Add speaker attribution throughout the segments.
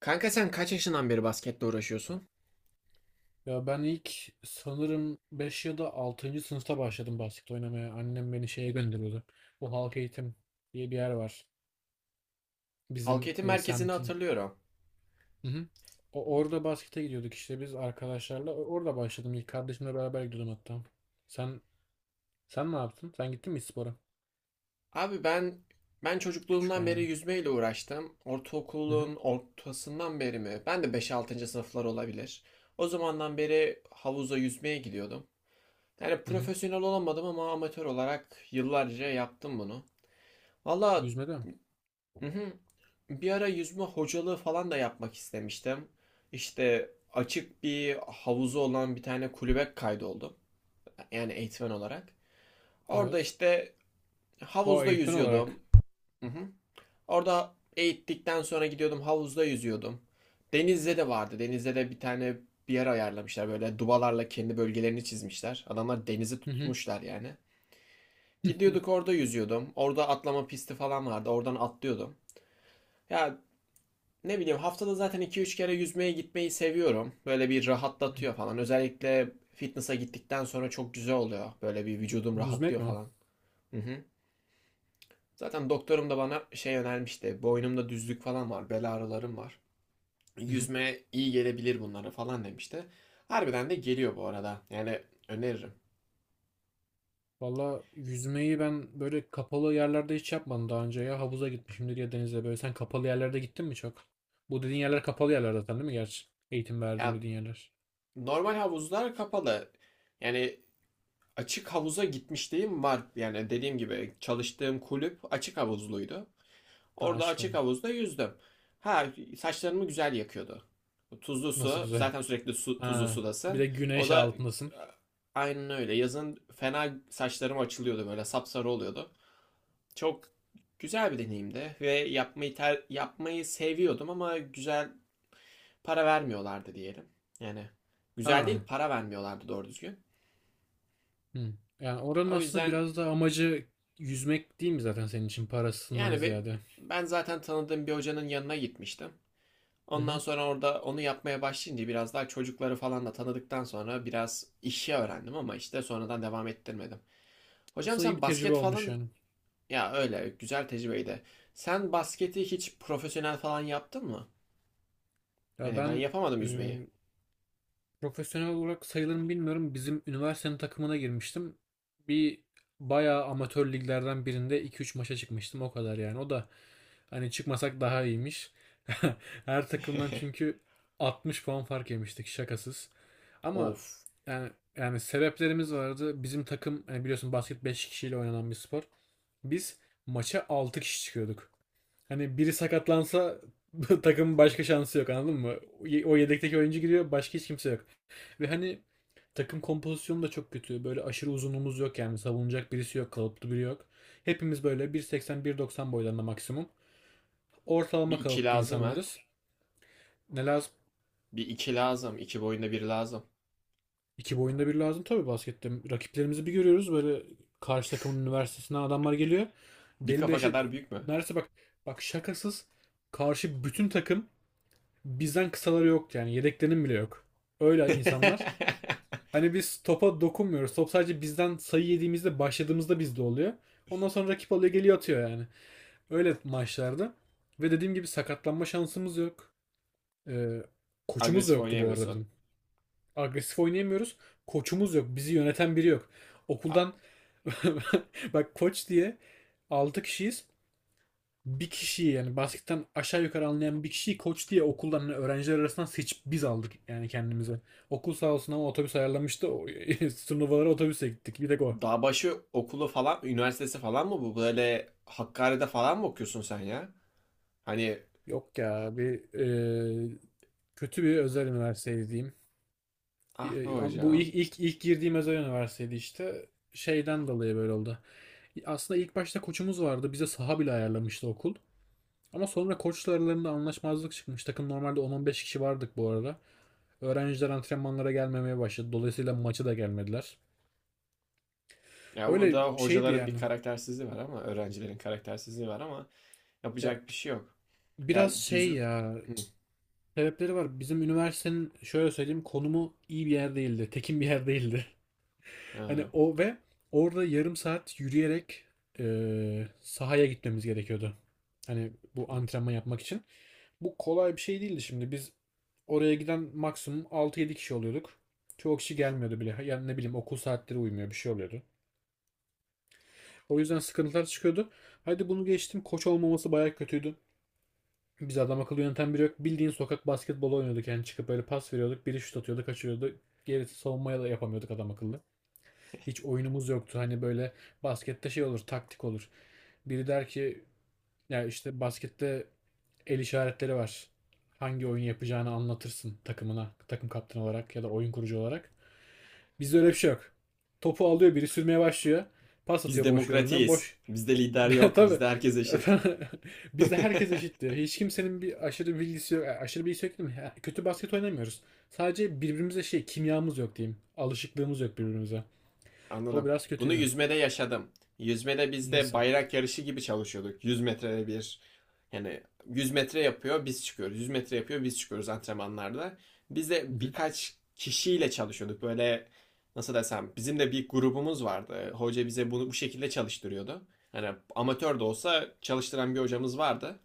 Speaker 1: Kanka sen kaç yaşından beri basketle uğraşıyorsun?
Speaker 2: Ya ben ilk sanırım 5 ya da altıncı sınıfta başladım basket oynamaya. Annem beni şeye gönderiyordu. Bu halk eğitim diye bir yer var.
Speaker 1: Halk
Speaker 2: Bizim
Speaker 1: eğitim merkezini
Speaker 2: semtin.
Speaker 1: hatırlıyorum.
Speaker 2: Hı hı. Orada baskete gidiyorduk işte biz arkadaşlarla. Orada başladım. İlk kardeşimle beraber gidiyordum hatta. Sen sen ne yaptın? Sen gittin mi hiç spora?
Speaker 1: Abi ben
Speaker 2: Küçükken
Speaker 1: çocukluğumdan beri
Speaker 2: yani.
Speaker 1: yüzmeyle uğraştım.
Speaker 2: Hı hı.
Speaker 1: Ortaokulun ortasından beri mi? Ben de beş 6 sınıflar olabilir. O zamandan beri havuza yüzmeye gidiyordum. Yani
Speaker 2: Hı hı.
Speaker 1: profesyonel olamadım ama amatör olarak yıllarca yaptım bunu. Valla,
Speaker 2: Yüzmede mi?
Speaker 1: hı hı. Bir ara yüzme hocalığı falan da yapmak istemiştim. İşte açık bir havuzu olan bir tane kulübe kaydoldum. Yani eğitmen olarak. Orada
Speaker 2: Evet.
Speaker 1: işte
Speaker 2: O
Speaker 1: havuzda
Speaker 2: eğitmen
Speaker 1: yüzüyordum.
Speaker 2: olarak.
Speaker 1: Hı hı. Orada eğittikten sonra gidiyordum, havuzda yüzüyordum. Denizde de vardı. Denizde de bir tane bir yer ayarlamışlar. Böyle dubalarla kendi bölgelerini çizmişler. Adamlar denizi
Speaker 2: Hı hı.
Speaker 1: tutmuşlar yani. Gidiyorduk, orada yüzüyordum. Orada atlama pisti falan vardı. Oradan atlıyordum. Ya, ne bileyim, haftada zaten iki üç kere yüzmeye gitmeyi seviyorum. Böyle bir
Speaker 2: Hı hı.
Speaker 1: rahatlatıyor falan. Özellikle fitness'a gittikten sonra çok güzel oluyor. Böyle bir vücudum
Speaker 2: Yüzmek
Speaker 1: rahatlıyor
Speaker 2: mi?
Speaker 1: falan. Hı hı. Zaten doktorum da bana şey önermişti. Boynumda düzlük falan var, bel ağrılarım var.
Speaker 2: Hı hı.
Speaker 1: Yüzme iyi gelebilir bunlara falan demişti. Harbiden de geliyor bu arada. Yani öneririm.
Speaker 2: Valla yüzmeyi ben böyle kapalı yerlerde hiç yapmadım daha önce ya. Havuza gitmişimdir ya denize böyle. Sen kapalı yerlerde gittin mi çok? Bu dediğin yerler kapalı yerler zaten değil mi gerçi? Eğitim verdiğim
Speaker 1: Ya,
Speaker 2: dediğin yerler.
Speaker 1: normal havuzlar kapalı. Yani açık havuza gitmişliğim var. Yani dediğim gibi çalıştığım kulüp açık havuzluydu.
Speaker 2: Ha,
Speaker 1: Orada
Speaker 2: açık
Speaker 1: açık
Speaker 2: oğlum.
Speaker 1: havuzda yüzdüm. Ha, saçlarımı güzel yakıyordu. Tuzlu
Speaker 2: Nasıl
Speaker 1: su.
Speaker 2: güzel.
Speaker 1: Zaten sürekli su, tuzlu
Speaker 2: Ha, bir
Speaker 1: sudasın.
Speaker 2: de
Speaker 1: O
Speaker 2: güneş
Speaker 1: da
Speaker 2: altındasın.
Speaker 1: aynen öyle. Yazın fena saçlarım açılıyordu, böyle sapsarı oluyordu. Çok güzel bir deneyimdi ve yapmayı seviyordum ama güzel para vermiyorlardı diyelim. Yani güzel değil,
Speaker 2: Ha.
Speaker 1: para vermiyorlardı doğru düzgün.
Speaker 2: Hı. Yani oranın
Speaker 1: O
Speaker 2: aslında
Speaker 1: yüzden
Speaker 2: biraz da amacı yüzmek değil mi zaten senin için parasından
Speaker 1: yani
Speaker 2: ziyade?
Speaker 1: ben zaten tanıdığım bir hocanın yanına gitmiştim.
Speaker 2: Hı
Speaker 1: Ondan
Speaker 2: hı.
Speaker 1: sonra orada onu yapmaya başlayınca biraz daha çocukları falan da tanıdıktan sonra biraz işi öğrendim ama işte sonradan devam ettirmedim. Hocam,
Speaker 2: Aslında iyi
Speaker 1: sen
Speaker 2: bir tecrübe
Speaker 1: basket
Speaker 2: olmuş
Speaker 1: falan,
Speaker 2: yani.
Speaker 1: ya öyle güzel tecrübeydi. Sen basketi hiç profesyonel falan yaptın mı?
Speaker 2: Ya
Speaker 1: Hani ben
Speaker 2: ben
Speaker 1: yapamadım
Speaker 2: e,
Speaker 1: yüzmeyi.
Speaker 2: profesyonel olarak sayılır mı bilmiyorum. Bizim üniversitenin takımına girmiştim. Bir bayağı amatör liglerden birinde 2-3 maça çıkmıştım. O kadar yani. O da hani çıkmasak daha iyiymiş. Her takımdan çünkü 60 puan fark yemiştik şakasız. Ama
Speaker 1: Of.
Speaker 2: yani yani sebeplerimiz vardı. Bizim takım hani biliyorsun basket 5 kişiyle oynanan bir spor. Biz maça 6 kişi çıkıyorduk. Hani biri sakatlansa takımın başka şansı yok anladın mı? O yedekteki oyuncu giriyor, başka hiç kimse yok. Ve hani takım kompozisyonu da çok kötü. Böyle aşırı uzunluğumuz yok, yani savunacak birisi yok, kalıplı biri yok. Hepimiz böyle bir seksen bir 190 boylarında maksimum.
Speaker 1: Bir
Speaker 2: Ortalama
Speaker 1: iki
Speaker 2: kalıplı
Speaker 1: lazım, ha.
Speaker 2: insanlarız. Ne lazım?
Speaker 1: Bir iki lazım. İki boyunda bir lazım.
Speaker 2: İki boyunda bir lazım tabii baskette. Rakiplerimizi bir görüyoruz böyle, karşı takımın üniversitesinden adamlar geliyor.
Speaker 1: Bir
Speaker 2: Deli
Speaker 1: kafa
Speaker 2: deşe
Speaker 1: kadar büyük mü?
Speaker 2: neredeyse, bak bak şakasız, karşı bütün takım bizden kısaları yok yani, yedeklerinin bile yok. Öyle insanlar. Hani biz topa dokunmuyoruz. Top sadece bizden sayı yediğimizde başladığımızda bizde oluyor. Ondan sonra rakip alıyor, geliyor, atıyor yani. Öyle maçlarda. Ve dediğim gibi sakatlanma şansımız yok. Ee, Koçumuz da
Speaker 1: Agresif
Speaker 2: yoktu bu arada
Speaker 1: oynayamıyorsun.
Speaker 2: bizim. Agresif oynayamıyoruz. Koçumuz yok. Bizi yöneten biri yok.
Speaker 1: A-
Speaker 2: Okuldan bak, koç diye 6 kişiyiz, bir kişiyi yani basketten aşağı yukarı anlayan bir kişiyi koç diye okuldan hani öğrenciler arasından seçip biz aldık yani kendimize. Okul sağ olsun ama otobüs ayarlamıştı. Turnuvalara otobüse gittik. Bir tek o.
Speaker 1: Dağbaşı okulu falan, üniversitesi falan mı bu? Böyle Hakkari'de falan mı okuyorsun sen ya? Hani
Speaker 2: Yok ya, e, kötü bir özel üniversiteydi diyeyim.
Speaker 1: ah be
Speaker 2: Bu
Speaker 1: hocam.
Speaker 2: ilk girdiğim özel üniversiteydi işte. Şeyden dolayı böyle oldu. Aslında ilk başta koçumuz vardı. Bize saha bile ayarlamıştı okul. Ama sonra koçla aralarında anlaşmazlık çıkmış. Takım normalde 10-15 kişi vardık bu arada. Öğrenciler antrenmanlara gelmemeye başladı. Dolayısıyla maçı da gelmediler.
Speaker 1: Ya
Speaker 2: Öyle
Speaker 1: burada
Speaker 2: şeydi
Speaker 1: hocaların bir
Speaker 2: yani.
Speaker 1: karaktersizliği var ama öğrencilerin karaktersizliği var ama
Speaker 2: Ya
Speaker 1: yapacak bir şey yok. Ya,
Speaker 2: biraz
Speaker 1: yüz...
Speaker 2: şey ya,
Speaker 1: Hı,
Speaker 2: sebepleri var. Bizim üniversitenin şöyle söyleyeyim, konumu iyi bir yer değildi. Tekin bir yer değildi. Hani
Speaker 1: ha.
Speaker 2: o ve orada yarım saat yürüyerek sahaya gitmemiz gerekiyordu. Hani bu antrenman yapmak için. Bu kolay bir şey değildi şimdi. Biz oraya giden maksimum altı yedi kişi oluyorduk. Çoğu kişi gelmiyordu bile. Yani ne bileyim, okul saatleri uymuyor, bir şey oluyordu. O yüzden sıkıntılar çıkıyordu. Hadi bunu geçtim. Koç olmaması bayağı kötüydü. Biz adam akıllı yöneten biri yok. Bildiğin sokak basketbolu oynuyorduk. Yani çıkıp böyle pas veriyorduk. Biri şut atıyordu, kaçırıyordu. Gerisi savunmaya da yapamıyorduk adam akıllı. Hiç oyunumuz yoktu. Hani böyle baskette şey olur, taktik olur. Biri der ki, ya işte baskette el işaretleri var. Hangi oyun yapacağını anlatırsın takımına, takım kaptanı olarak ya da oyun kurucu olarak. Bizde öyle bir şey yok. Topu alıyor biri, sürmeye başlıyor. Pas
Speaker 1: Biz
Speaker 2: atıyor boş yoruna.
Speaker 1: demokratiyiz.
Speaker 2: Boş.
Speaker 1: Bizde lider yok.
Speaker 2: Tabii.
Speaker 1: Bizde herkes eşit.
Speaker 2: Bizde herkes eşit diyor. Hiç kimsenin bir aşırı bilgisi yok. Aşırı bilgisi yok değil mi? Ha, kötü basket oynamıyoruz. Sadece birbirimize şey, kimyamız yok diyeyim. Alışıklığımız yok birbirimize. O
Speaker 1: Anladım.
Speaker 2: biraz
Speaker 1: Bunu
Speaker 2: kötüydü.
Speaker 1: yüzmede yaşadım. Yüzmede biz de
Speaker 2: Nasıl?
Speaker 1: bayrak yarışı gibi çalışıyorduk. 100 metrede bir, yani 100 metre yapıyor biz çıkıyoruz. 100 metre yapıyor biz çıkıyoruz antrenmanlarda. Biz de birkaç kişiyle çalışıyorduk. Böyle, nasıl desem, bizim de bir grubumuz vardı. Hoca bize bunu bu şekilde çalıştırıyordu. Hani amatör de olsa çalıştıran bir hocamız vardı.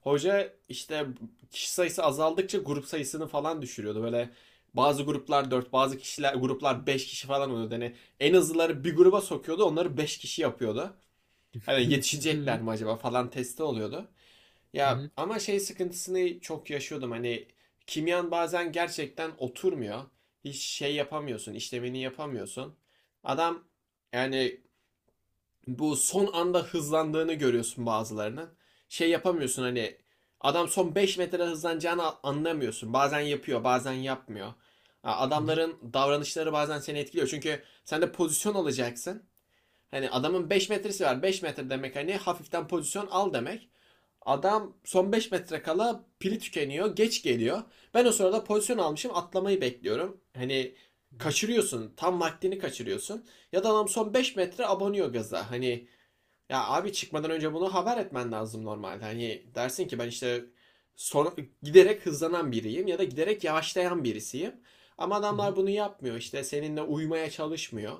Speaker 1: Hoca işte kişi sayısı azaldıkça grup sayısını falan düşürüyordu. Böyle bazı gruplar dört, bazı kişiler gruplar 5 kişi falan oluyordu. Hani en hızlıları bir gruba sokuyordu. Onları 5 kişi yapıyordu. Hani
Speaker 2: Hı hı.
Speaker 1: yetişecekler mi acaba falan testi oluyordu.
Speaker 2: Hı
Speaker 1: Ya
Speaker 2: hı.
Speaker 1: ama şey sıkıntısını çok yaşıyordum. Hani kimyan bazen gerçekten oturmuyor. Hiç şey yapamıyorsun, işlemini yapamıyorsun. Adam, yani bu son anda hızlandığını görüyorsun bazılarının. Şey yapamıyorsun, hani adam son 5 metre hızlanacağını anlamıyorsun. Bazen yapıyor, bazen yapmıyor.
Speaker 2: Hı hı.
Speaker 1: Adamların davranışları bazen seni etkiliyor. Çünkü sen de pozisyon alacaksın. Hani adamın 5 metresi var. 5 metre demek, hani hafiften pozisyon al demek. Adam son 5 metre kala pili tükeniyor. Geç geliyor. Ben o sırada pozisyon almışım. Atlamayı bekliyorum. Hani
Speaker 2: Hı hı.
Speaker 1: kaçırıyorsun. Tam vaktini kaçırıyorsun. Ya da adam son 5 metre abanıyor gaza. Hani ya abi, çıkmadan önce bunu haber etmen lazım normalde. Hani dersin ki ben işte son, giderek hızlanan biriyim ya da giderek yavaşlayan birisiyim. Ama
Speaker 2: Hı hı.
Speaker 1: adamlar bunu yapmıyor, işte seninle uymaya çalışmıyor.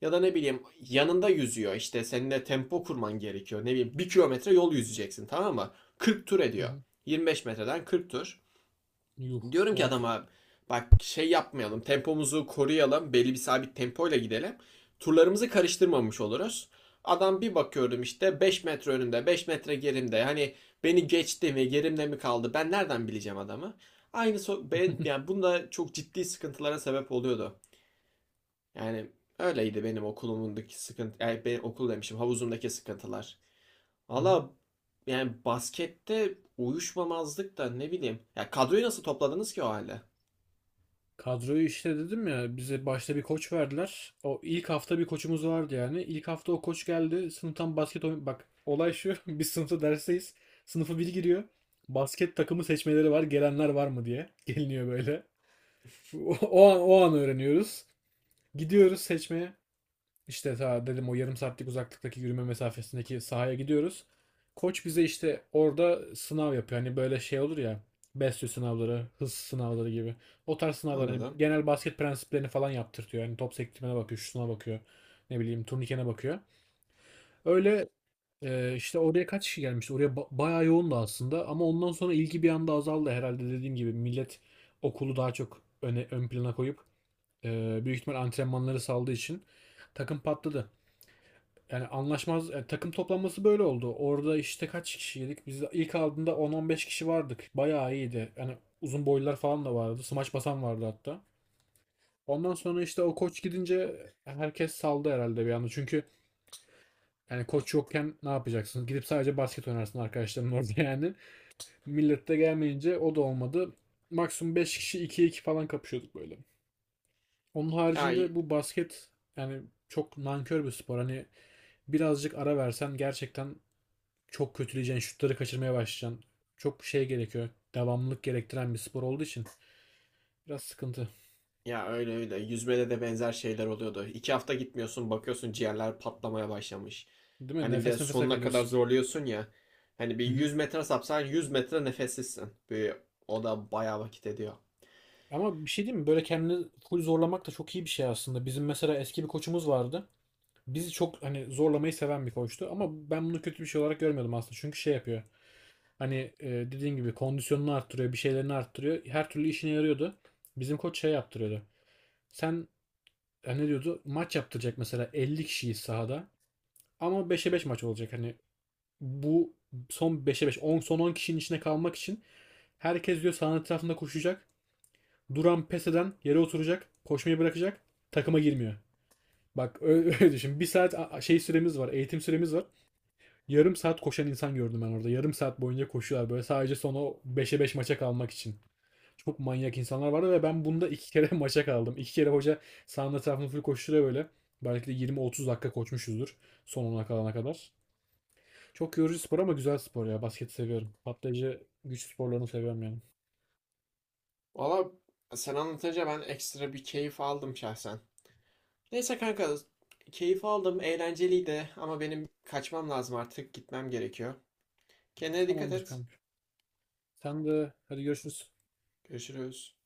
Speaker 1: Ya da ne bileyim, yanında yüzüyor, işte seninle tempo kurman gerekiyor. Ne bileyim, bir kilometre yol yüzeceksin tamam mı? 40 tur
Speaker 2: Hı
Speaker 1: ediyor.
Speaker 2: hı.
Speaker 1: 25 metreden 40 tur.
Speaker 2: Yuh,
Speaker 1: Diyorum ki
Speaker 2: evet.
Speaker 1: adama, bak şey yapmayalım, tempomuzu koruyalım, belli bir sabit tempoyla gidelim. Turlarımızı karıştırmamış oluruz. Adam bir bakıyorum işte 5 metre önümde, 5 metre gerimde, hani beni geçti mi gerimde mi kaldı ben nereden bileceğim adamı. Aynı ben, yani bunda çok ciddi sıkıntılara sebep oluyordu. Yani öyleydi benim okulumundaki sıkıntı, yani benim okul demişim havuzumdaki sıkıntılar.
Speaker 2: Hı hı.
Speaker 1: Valla, yani baskette uyuşmamazlık da ne bileyim. Ya kadroyu nasıl topladınız ki o halde?
Speaker 2: Kadroyu işte dedim ya, bize başta bir koç verdiler. O ilk hafta bir koçumuz vardı yani. İlk hafta o koç geldi. Sınıftan basket oyun, bak olay şu. Biz sınıfta dersteyiz. Sınıfı biri giriyor. Basket takımı seçmeleri var. Gelenler var mı diye. Geliniyor böyle. O an o an öğreniyoruz. Gidiyoruz seçmeye. İşte ta dedim, o yarım saatlik uzaklıktaki yürüme mesafesindeki sahaya gidiyoruz. Koç bize işte orada sınav yapıyor. Hani böyle şey olur ya. Besyo sınavları, hız sınavları gibi. O tarz sınavlar, hani
Speaker 1: Anladım.
Speaker 2: genel basket prensiplerini falan yaptırtıyor. Hani top sektirmene bakıyor, şutuna bakıyor. Ne bileyim turnikene bakıyor. Öyle işte oraya kaç kişi gelmişti? Oraya bayağı yoğundu aslında ama ondan sonra ilgi bir anda azaldı herhalde, dediğim gibi. Millet okulu daha çok ön plana koyup büyük ihtimal antrenmanları saldığı için takım patladı. Yani yani takım toplanması böyle oldu. Orada işte kaç kişiydik? Biz ilk aldığında 10-15 kişi vardık. Bayağı iyiydi. Yani uzun boylular falan da vardı. Smaç basan vardı hatta. Ondan sonra işte o koç gidince herkes saldı herhalde bir anda. Çünkü yani koç yokken ne yapacaksın? Gidip sadece basket oynarsın arkadaşların orada yani. Millet de gelmeyince o da olmadı. Maksimum 5 kişi 2'ye 2 falan kapışıyorduk böyle. Onun
Speaker 1: Ya
Speaker 2: haricinde bu basket yani çok nankör bir spor. Hani birazcık ara versen gerçekten çok kötüleyeceksin, şutları kaçırmaya başlayacaksın. Çok şey gerekiyor. Devamlılık gerektiren bir spor olduğu için biraz sıkıntı.
Speaker 1: ya öyle öyle. Yüzmede de benzer şeyler oluyordu. 2 hafta gitmiyorsun, bakıyorsun ciğerler patlamaya başlamış.
Speaker 2: Değil mi?
Speaker 1: Hani bir de
Speaker 2: Nefes nefese
Speaker 1: sonuna kadar
Speaker 2: kalıyorsun.
Speaker 1: zorluyorsun ya. Hani bir
Speaker 2: Hı hı.
Speaker 1: 100 metre sapsan 100 metre nefessizsin. Bir, o da bayağı vakit ediyor.
Speaker 2: Ama bir şey diyeyim mi? Böyle kendini full zorlamak da çok iyi bir şey aslında. Bizim mesela eski bir koçumuz vardı. Bizi çok hani zorlamayı seven bir koçtu ama ben bunu kötü bir şey olarak görmüyordum aslında. Çünkü şey yapıyor. Hani dediğin gibi kondisyonunu arttırıyor, bir şeylerini arttırıyor. Her türlü işine yarıyordu. Bizim koç şey yaptırıyordu. Sen ne diyordu? Maç yaptıracak mesela, 50 kişiyi sahada ama beşe 5 maç olacak. Hani bu son beşe 5 on, son 10 kişinin içine kalmak için herkes diyor sahanın etrafında koşacak. Duran, pes eden yere oturacak, koşmayı bırakacak, takıma girmiyor. Bak öyle düşün. Bir saat şey süremiz var, eğitim süremiz var. Yarım saat koşan insan gördüm ben orada. Yarım saat boyunca koşuyorlar böyle, sadece son o 5'e 5 maça kalmak için. Çok manyak insanlar vardı ve ben bunda iki kere maça kaldım. İki kere hoca sahanın etrafını full koşturuyor böyle. Belki de 20-30 dakika koşmuşuzdur, son ona kalana kadar. Çok yorucu spor ama güzel spor ya. Basketi seviyorum. Patlayıcı güç sporlarını seviyorum yani.
Speaker 1: Valla, sen anlatınca ben ekstra bir keyif aldım şahsen. Neyse kanka, keyif aldım, eğlenceliydi ama benim kaçmam lazım artık, gitmem gerekiyor. Kendine dikkat
Speaker 2: Tamamdır
Speaker 1: et.
Speaker 2: kanka. Sen de hadi, görüşürüz.
Speaker 1: Görüşürüz.